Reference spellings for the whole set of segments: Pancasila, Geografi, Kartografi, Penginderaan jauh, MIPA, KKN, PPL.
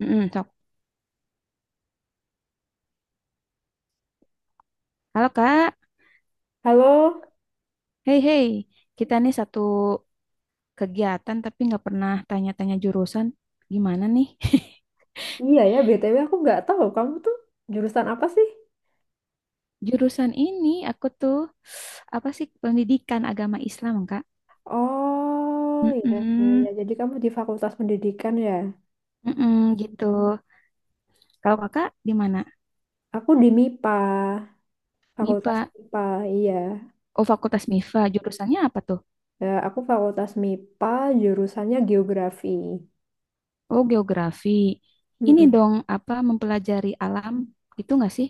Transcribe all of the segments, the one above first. Mm-mm, sok. Halo Kak, Halo, hei hei, kita nih satu kegiatan tapi nggak pernah tanya-tanya jurusan. Gimana nih? iya ya, BTW aku nggak tahu kamu tuh jurusan apa sih? Jurusan ini aku tuh apa sih pendidikan agama Islam Kak? Oh, iya, iya, iya. Mm-mm, Jadi kamu di Fakultas Pendidikan ya? mm-mm, gitu. Kalau Kakak di mana? Aku di MIPA, MIPA. Fakultas MIPA, iya. Oh Fakultas MIPA. Jurusannya apa tuh? Eh, aku Fakultas MIPA, jurusannya Geografi. Oh geografi. Ini Mm-mm. dong apa mempelajari alam gitu nggak sih?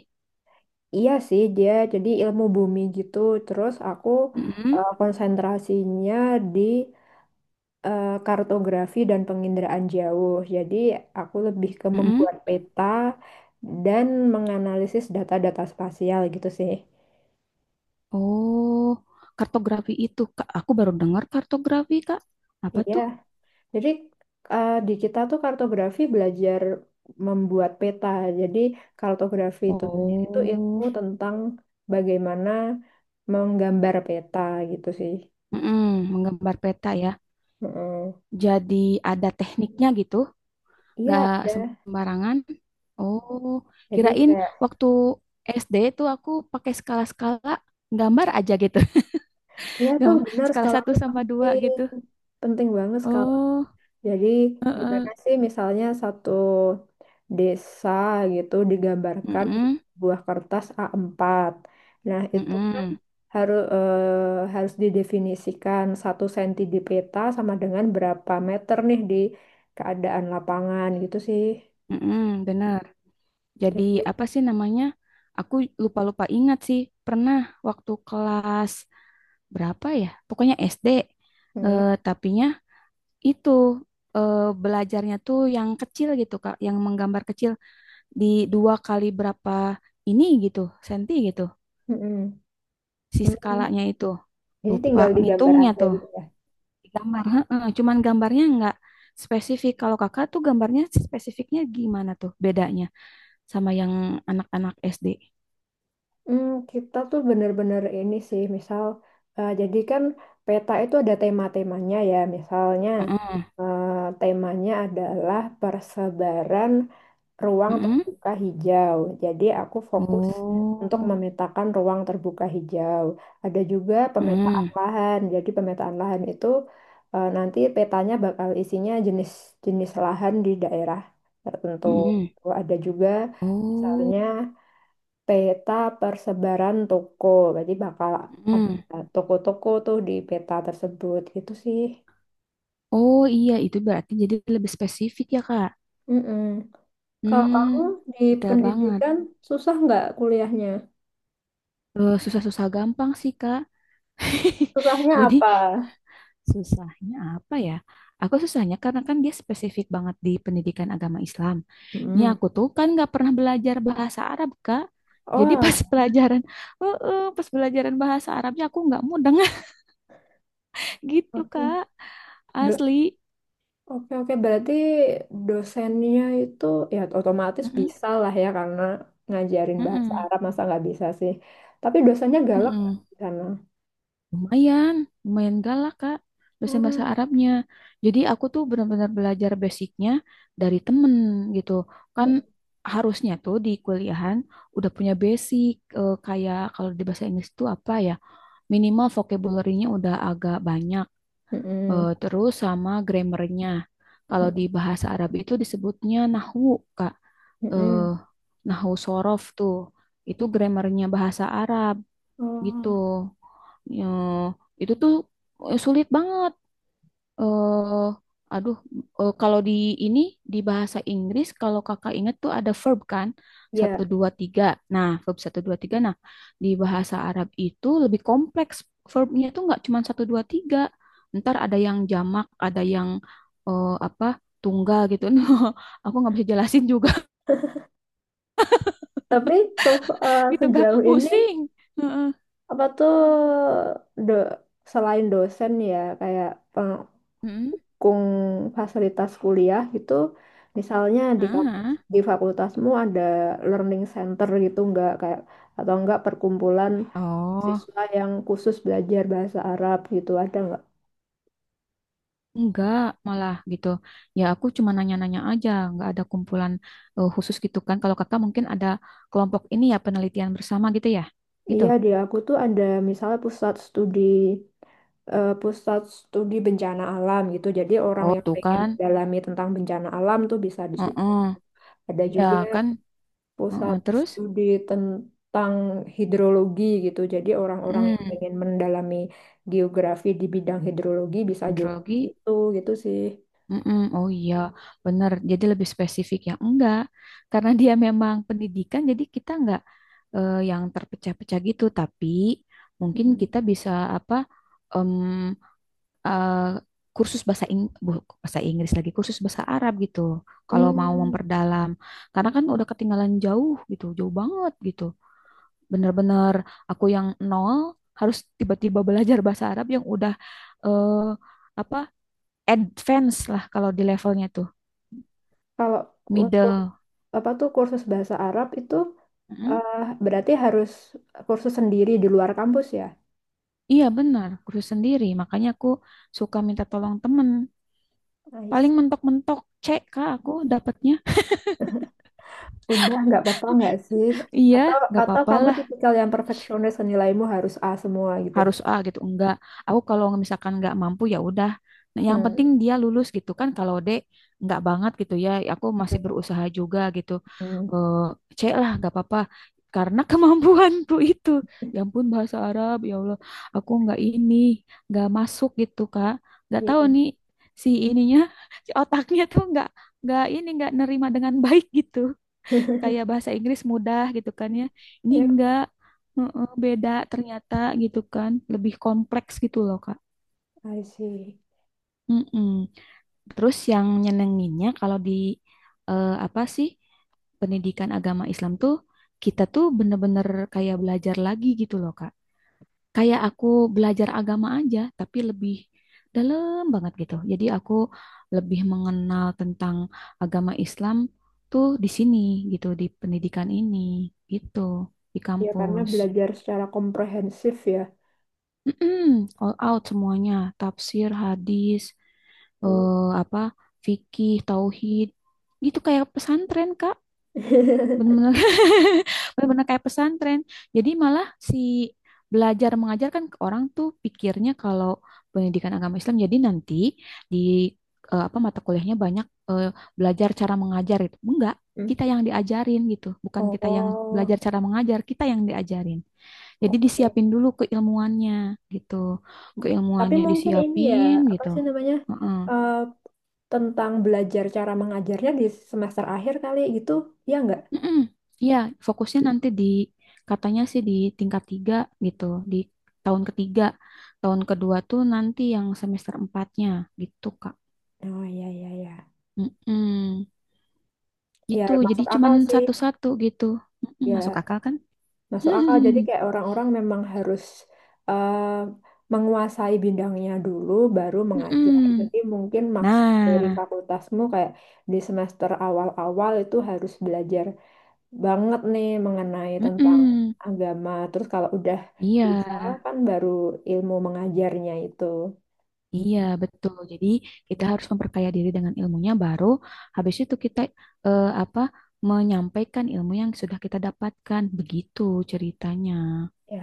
Iya sih, dia jadi ilmu bumi gitu. Terus aku, Mm-mm, eh, konsentrasinya di, eh, kartografi dan penginderaan jauh. Jadi aku lebih ke mm-mm. membuat peta dan menganalisis data-data spasial gitu sih. Oh, kartografi itu, Kak. Aku baru dengar kartografi, Kak. Apa Iya, tuh? jadi, eh, di kita tuh kartografi belajar membuat peta. Jadi kartografi itu sendiri tuh ilmu Oh, tentang bagaimana menggambar peta gitu sih. mm-mm, menggambar peta ya. Heeh. Jadi ada tekniknya gitu, Iya nggak ada. sembarangan. Oh, Jadi kirain kayak, waktu SD itu aku pakai skala-skala gambar aja gitu. ya tuh Gambar benar skala skala satu tuh sama dua penting, gitu. penting banget skala. Oh, Jadi heeh. gimana sih misalnya satu desa gitu digambarkan di Mm-mm, sebuah kertas A4. Nah, itu kan mm-mm, harus harus didefinisikan satu senti di peta sama dengan berapa meter nih di keadaan lapangan gitu sih. mm-mm, bener. Jadi Jadi, apa sih namanya? Aku lupa-lupa ingat sih. Pernah waktu kelas berapa ya? Pokoknya SD. mm, Tapinya itu belajarnya tuh yang kecil gitu, Kak, yang menggambar kecil di dua kali berapa ini gitu, senti gitu. mm, Si mm. skalanya itu. Jadi Lupa tinggal digambar ngitungnya aja tuh. gitu. Gambar, heeh, cuman gambarnya nggak spesifik. Kalau Kakak tuh gambarnya spesifiknya gimana tuh bedanya sama yang anak-anak SD? Kita tuh bener-bener ini sih, misal, eh, jadi kan peta itu ada tema-temanya ya, misalnya, Heeh. eh, temanya adalah persebaran ruang Heeh. terbuka hijau. Jadi aku fokus untuk Oh, memetakan ruang terbuka hijau. Ada juga pemetaan mm, lahan. Jadi pemetaan lahan itu, eh, nanti petanya bakal isinya jenis-jenis lahan di daerah tertentu. mm, Ada juga oh, misalnya peta persebaran toko. Berarti bakal ada mm. toko-toko tuh di peta tersebut. Itu sih. Oh iya itu berarti jadi lebih spesifik ya Kak. Mm-mm. Kalau Hmm, kamu di detail banget. pendidikan susah nggak kuliahnya? Susah-susah gampang sih Kak. Susahnya Jadi apa? susahnya apa ya? Aku susahnya karena kan dia spesifik banget di pendidikan agama Islam. Ini Mm. aku tuh kan nggak pernah belajar bahasa Arab Kak. Jadi pas Oh, pelajaran, pas pelajaran bahasa Arabnya aku nggak mudeng gitu oke. Kak, Do- asli. Oke, oke. Berarti dosennya itu ya otomatis Mm-mm. bisa lah ya karena ngajarin bahasa Mm-mm. Arab masa nggak bisa sih. Tapi dosennya galak nggak Mm-mm. di sana? Lumayan, lumayan galak Kak, dosen bahasa Hmm. Arabnya. Jadi aku tuh benar-benar belajar basicnya dari temen gitu. Kan harusnya tuh di kuliahan udah punya basic kayak kalau di bahasa Inggris tuh apa ya? Minimal vocabulary-nya udah agak banyak, Mm-mm. Terus sama grammarnya. Kalau di bahasa Arab itu disebutnya nahwu, Kak, eh, Mm-mm. nahwu sorof tuh itu grammarnya bahasa Arab gitu. Oh. Ya, itu tuh sulit banget. eh aduh, Kalau di ini di bahasa Inggris kalau kakak ingat tuh ada verb kan satu Ya, dua tiga. Nah, verb satu dua tiga. Nah, di bahasa Arab itu lebih kompleks verbnya tuh nggak cuma satu dua tiga. Ntar ada yang jamak, ada yang eh, apa tunggal gitu. Nah, aku nggak bisa jelasin juga tapi so, eh, gitu kak. sejauh ini Pusing. Heeh. apa tuh, do, selain dosen ya kayak pengkung Heeh. fasilitas kuliah gitu, misalnya di kampus Heeh. di fakultasmu ada learning center gitu nggak kayak atau enggak perkumpulan Oh, siswa yang khusus belajar bahasa Arab gitu ada nggak? enggak, malah gitu. Ya aku cuma nanya-nanya aja, enggak ada kumpulan khusus gitu kan. Kalau kakak mungkin ada kelompok ini ya penelitian bersama gitu ya, gitu. Iya di aku tuh ada misalnya pusat studi bencana alam gitu. Jadi orang Oh yang tuh pengen kan, mendalami tentang bencana alam tuh bisa di situ. heeh. Ada Iya juga kan, heeh. pusat Terus, studi tentang hidrologi gitu. Jadi orang-orang yang hmm, pengen mendalami geografi di bidang hidrologi bisa juga di hidrologi, situ gitu sih. mm. Oh iya, bener. Jadi lebih spesifik ya, enggak. Karena dia memang pendidikan, jadi kita enggak yang terpecah-pecah gitu. Tapi mungkin Mm. kita bisa apa? mmm, eh, Kursus bahasa bahasa Inggris lagi kursus bahasa Arab gitu kalau mau Hmm, memperdalam karena kan udah ketinggalan jauh gitu jauh banget gitu bener-bener aku yang nol harus tiba-tiba belajar bahasa Arab yang udah eh, apa advance lah kalau di levelnya tuh kalau untuk middle. apa tuh kursus bahasa Arab itu, Mm, eh, berarti harus kursus sendiri di luar kampus ya? iya benar kursus sendiri makanya aku suka minta tolong temen Nice. paling mentok-mentok C kak aku dapatnya. Udah nggak apa-apa nggak sih? Iya Atau nggak atau apa-apa kamu tipikal yang perfeksionis nilaimu harus A semua gitu? harus A gitu enggak, aku kalau misalkan enggak mampu ya udah, nah, yang penting Hmm. dia lulus gitu kan, kalau D enggak banget gitu ya, aku masih berusaha juga gitu. Hmm. Eh, C lah nggak apa-apa karena kemampuanku itu ya ampun bahasa Arab ya Allah aku nggak ini nggak masuk gitu Kak, nggak tahu Iya, nih si ininya si otaknya tuh nggak ini nggak nerima dengan baik gitu kayak bahasa Inggris mudah gitu kan ya. Ini iya, enggak. Heeh, beda ternyata gitu kan, lebih kompleks gitu loh Kak. I see. Mm-mm. Terus yang nyenenginnya kalau di apa sih pendidikan agama Islam tuh kita tuh bener-bener kayak belajar lagi gitu loh Kak kayak aku belajar agama aja, tapi lebih dalam banget gitu. Jadi aku lebih mengenal tentang agama Islam tuh di sini gitu, di pendidikan ini gitu, di Ya karena kampus. belajar secara komprehensif ya. Mm-mm, all out semuanya, tafsir, hadis, Hmm. eh, apa, fikih, tauhid, gitu kayak pesantren, Kak. Benar-benar benar-benar kayak pesantren. Jadi malah si belajar mengajarkan ke orang tuh pikirnya kalau pendidikan agama Islam jadi nanti di eh, apa mata kuliahnya banyak belajar cara mengajar itu. Enggak, Hmm. kita yang diajarin gitu, bukan kita yang Oh, belajar cara mengajar, kita yang diajarin. Jadi oke. disiapin dulu keilmuannya gitu. Tapi Keilmuannya mungkin ini ya, disiapin apa gitu. sih namanya, Heeh. eh, tentang belajar cara mengajarnya di semester akhir kali gitu, ya nggak? Mm-mm. Iya, fokusnya nanti di katanya sih di tingkat tiga gitu, di tahun ketiga. Tahun kedua tuh nanti yang semester empatnya gitu, Kak. Oh, iya, iya, iya. Mm-mm. Ya, Gitu, jadi masuk cuman akal sih. satu-satu gitu. Mm-mm, masuk Ya, akal kan? masuk akal. Jadi kayak orang-orang memang harus, eh, menguasai bidangnya dulu, baru mengajar. Mm-mm. Jadi mungkin maksud dari Nah, fakultasmu kayak di semester awal-awal itu harus belajar banget nih mengenai tentang mm-mm. agama. Terus kalau udah Iya. bisa kan baru ilmu mengajarnya itu. Iya, betul. Jadi kita harus memperkaya diri dengan ilmunya baru habis itu kita eh, apa menyampaikan ilmu yang sudah kita dapatkan. Begitu ceritanya. Ya,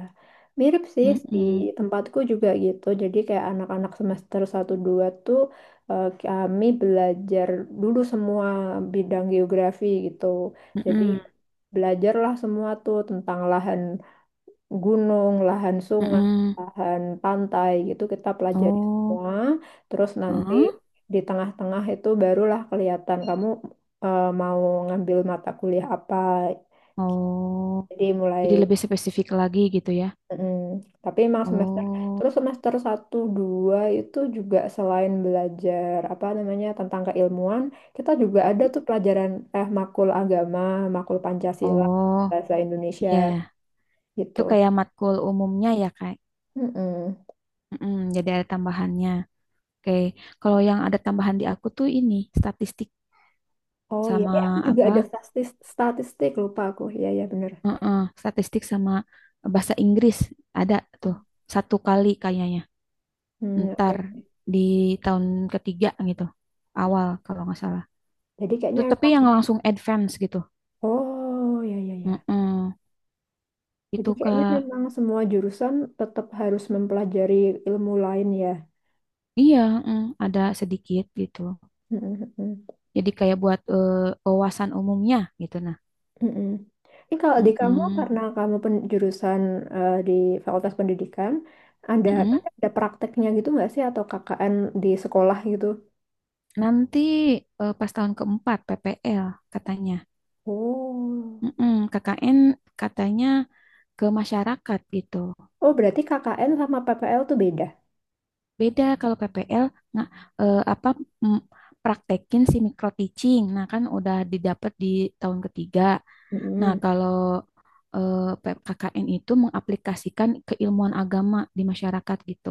mirip sih di Mm-mm. tempatku juga gitu. Jadi kayak anak-anak semester satu 2 tuh, eh, kami belajar dulu semua bidang geografi gitu. Jadi Mm-mm. belajarlah semua tuh tentang lahan gunung, lahan sungai, Mm-mm. lahan pantai gitu kita pelajari Oh, semua. Terus nanti heeh. di tengah-tengah itu barulah kelihatan kamu, eh, mau ngambil mata kuliah apa. Oh. Jadi mulai. Jadi lebih spesifik lagi gitu ya. mm Tapi emang semester Oh. terus semester satu 2 itu juga selain belajar apa namanya tentang keilmuan, kita juga ada tuh pelajaran, eh, makul agama, makul Pancasila, Oh, bahasa Indonesia iya. Itu gitu. kayak matkul umumnya ya, kayak. Mm-mm. Mm-mm, jadi ada tambahannya. Oke, kalau yang ada tambahan di aku tuh ini statistik Oh iya, sama eh, aku juga apa? ada statistik, statistik lupa aku. Iya iya bener. Heeh, statistik sama bahasa Inggris ada tuh satu kali kayaknya. Hmm, oke. Ntar di tahun ketiga gitu, awal kalau nggak salah. Jadi kayaknya Tuh tapi emang yang langsung advance gitu. oh ya, ya, ya. Heeh, Jadi itu kayaknya Kak. memang semua jurusan tetap harus mempelajari ilmu lain ya. Iya, heeh, ada sedikit gitu. Mm-mm. Jadi kayak buat wawasan umumnya gitu nah. Mm-mm. Ini kalau di kamu Heeh, karena kamu jurusan, eh, di Fakultas Pendidikan, ada heeh. nanti ada prakteknya gitu nggak sih atau KKN di sekolah gitu? Nanti pas tahun keempat PPL katanya. Oh, Mm-mm, KKN katanya ke masyarakat gitu. oh berarti KKN sama PPL tuh beda. Beda kalau PPL nggak eh, apa mm, praktekin si micro teaching. Nah, kan udah didapat di tahun ketiga. Nah, Mm-mm. kalau KKN itu mengaplikasikan keilmuan agama di masyarakat gitu.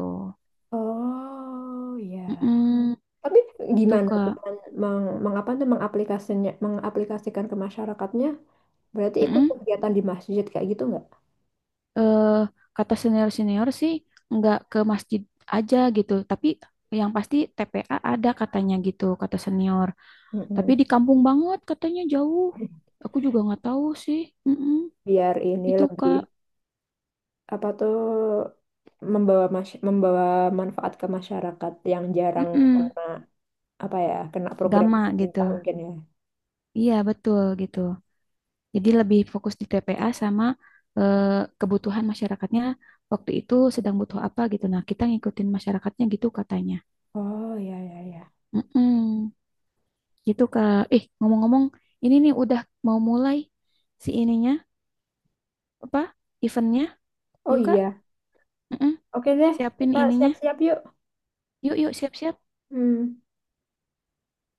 Oh ya. Mm-mm, Tapi tuh gimana tuh Kak. Mengapa tuh mengaplikasikan ke masyarakatnya? Berarti ikut Mm-mm. kegiatan di masjid kayak gitu nggak? Eh, Kata senior-senior sih nggak ke masjid aja gitu, tapi yang pasti TPA ada katanya gitu, kata senior. Tapi Mm-mm. di kampung banget katanya jauh. Aku juga nggak tahu sih. Mm-mm. Biar ini Itu lebih Kak, apa tuh membawa manfaat ke masyarakat yang jarang mm kena apa ya kena program Gama gitu. pemerintah mungkin ya. Iya, betul gitu. Jadi lebih fokus di TPA sama eh, kebutuhan masyarakatnya waktu itu sedang butuh apa gitu. Nah, kita ngikutin masyarakatnya gitu katanya. Oh ya ya ya. Mm-mm. Gitu Kak. Eh, ngomong-ngomong, ini nih udah mau mulai si ininya, apa? Eventnya. Oh Yuk Kak, iya. mm-mm. Oke deh, Siapin kita ininya. siap-siap yuk. Yuk, yuk, siap-siap. Hmm.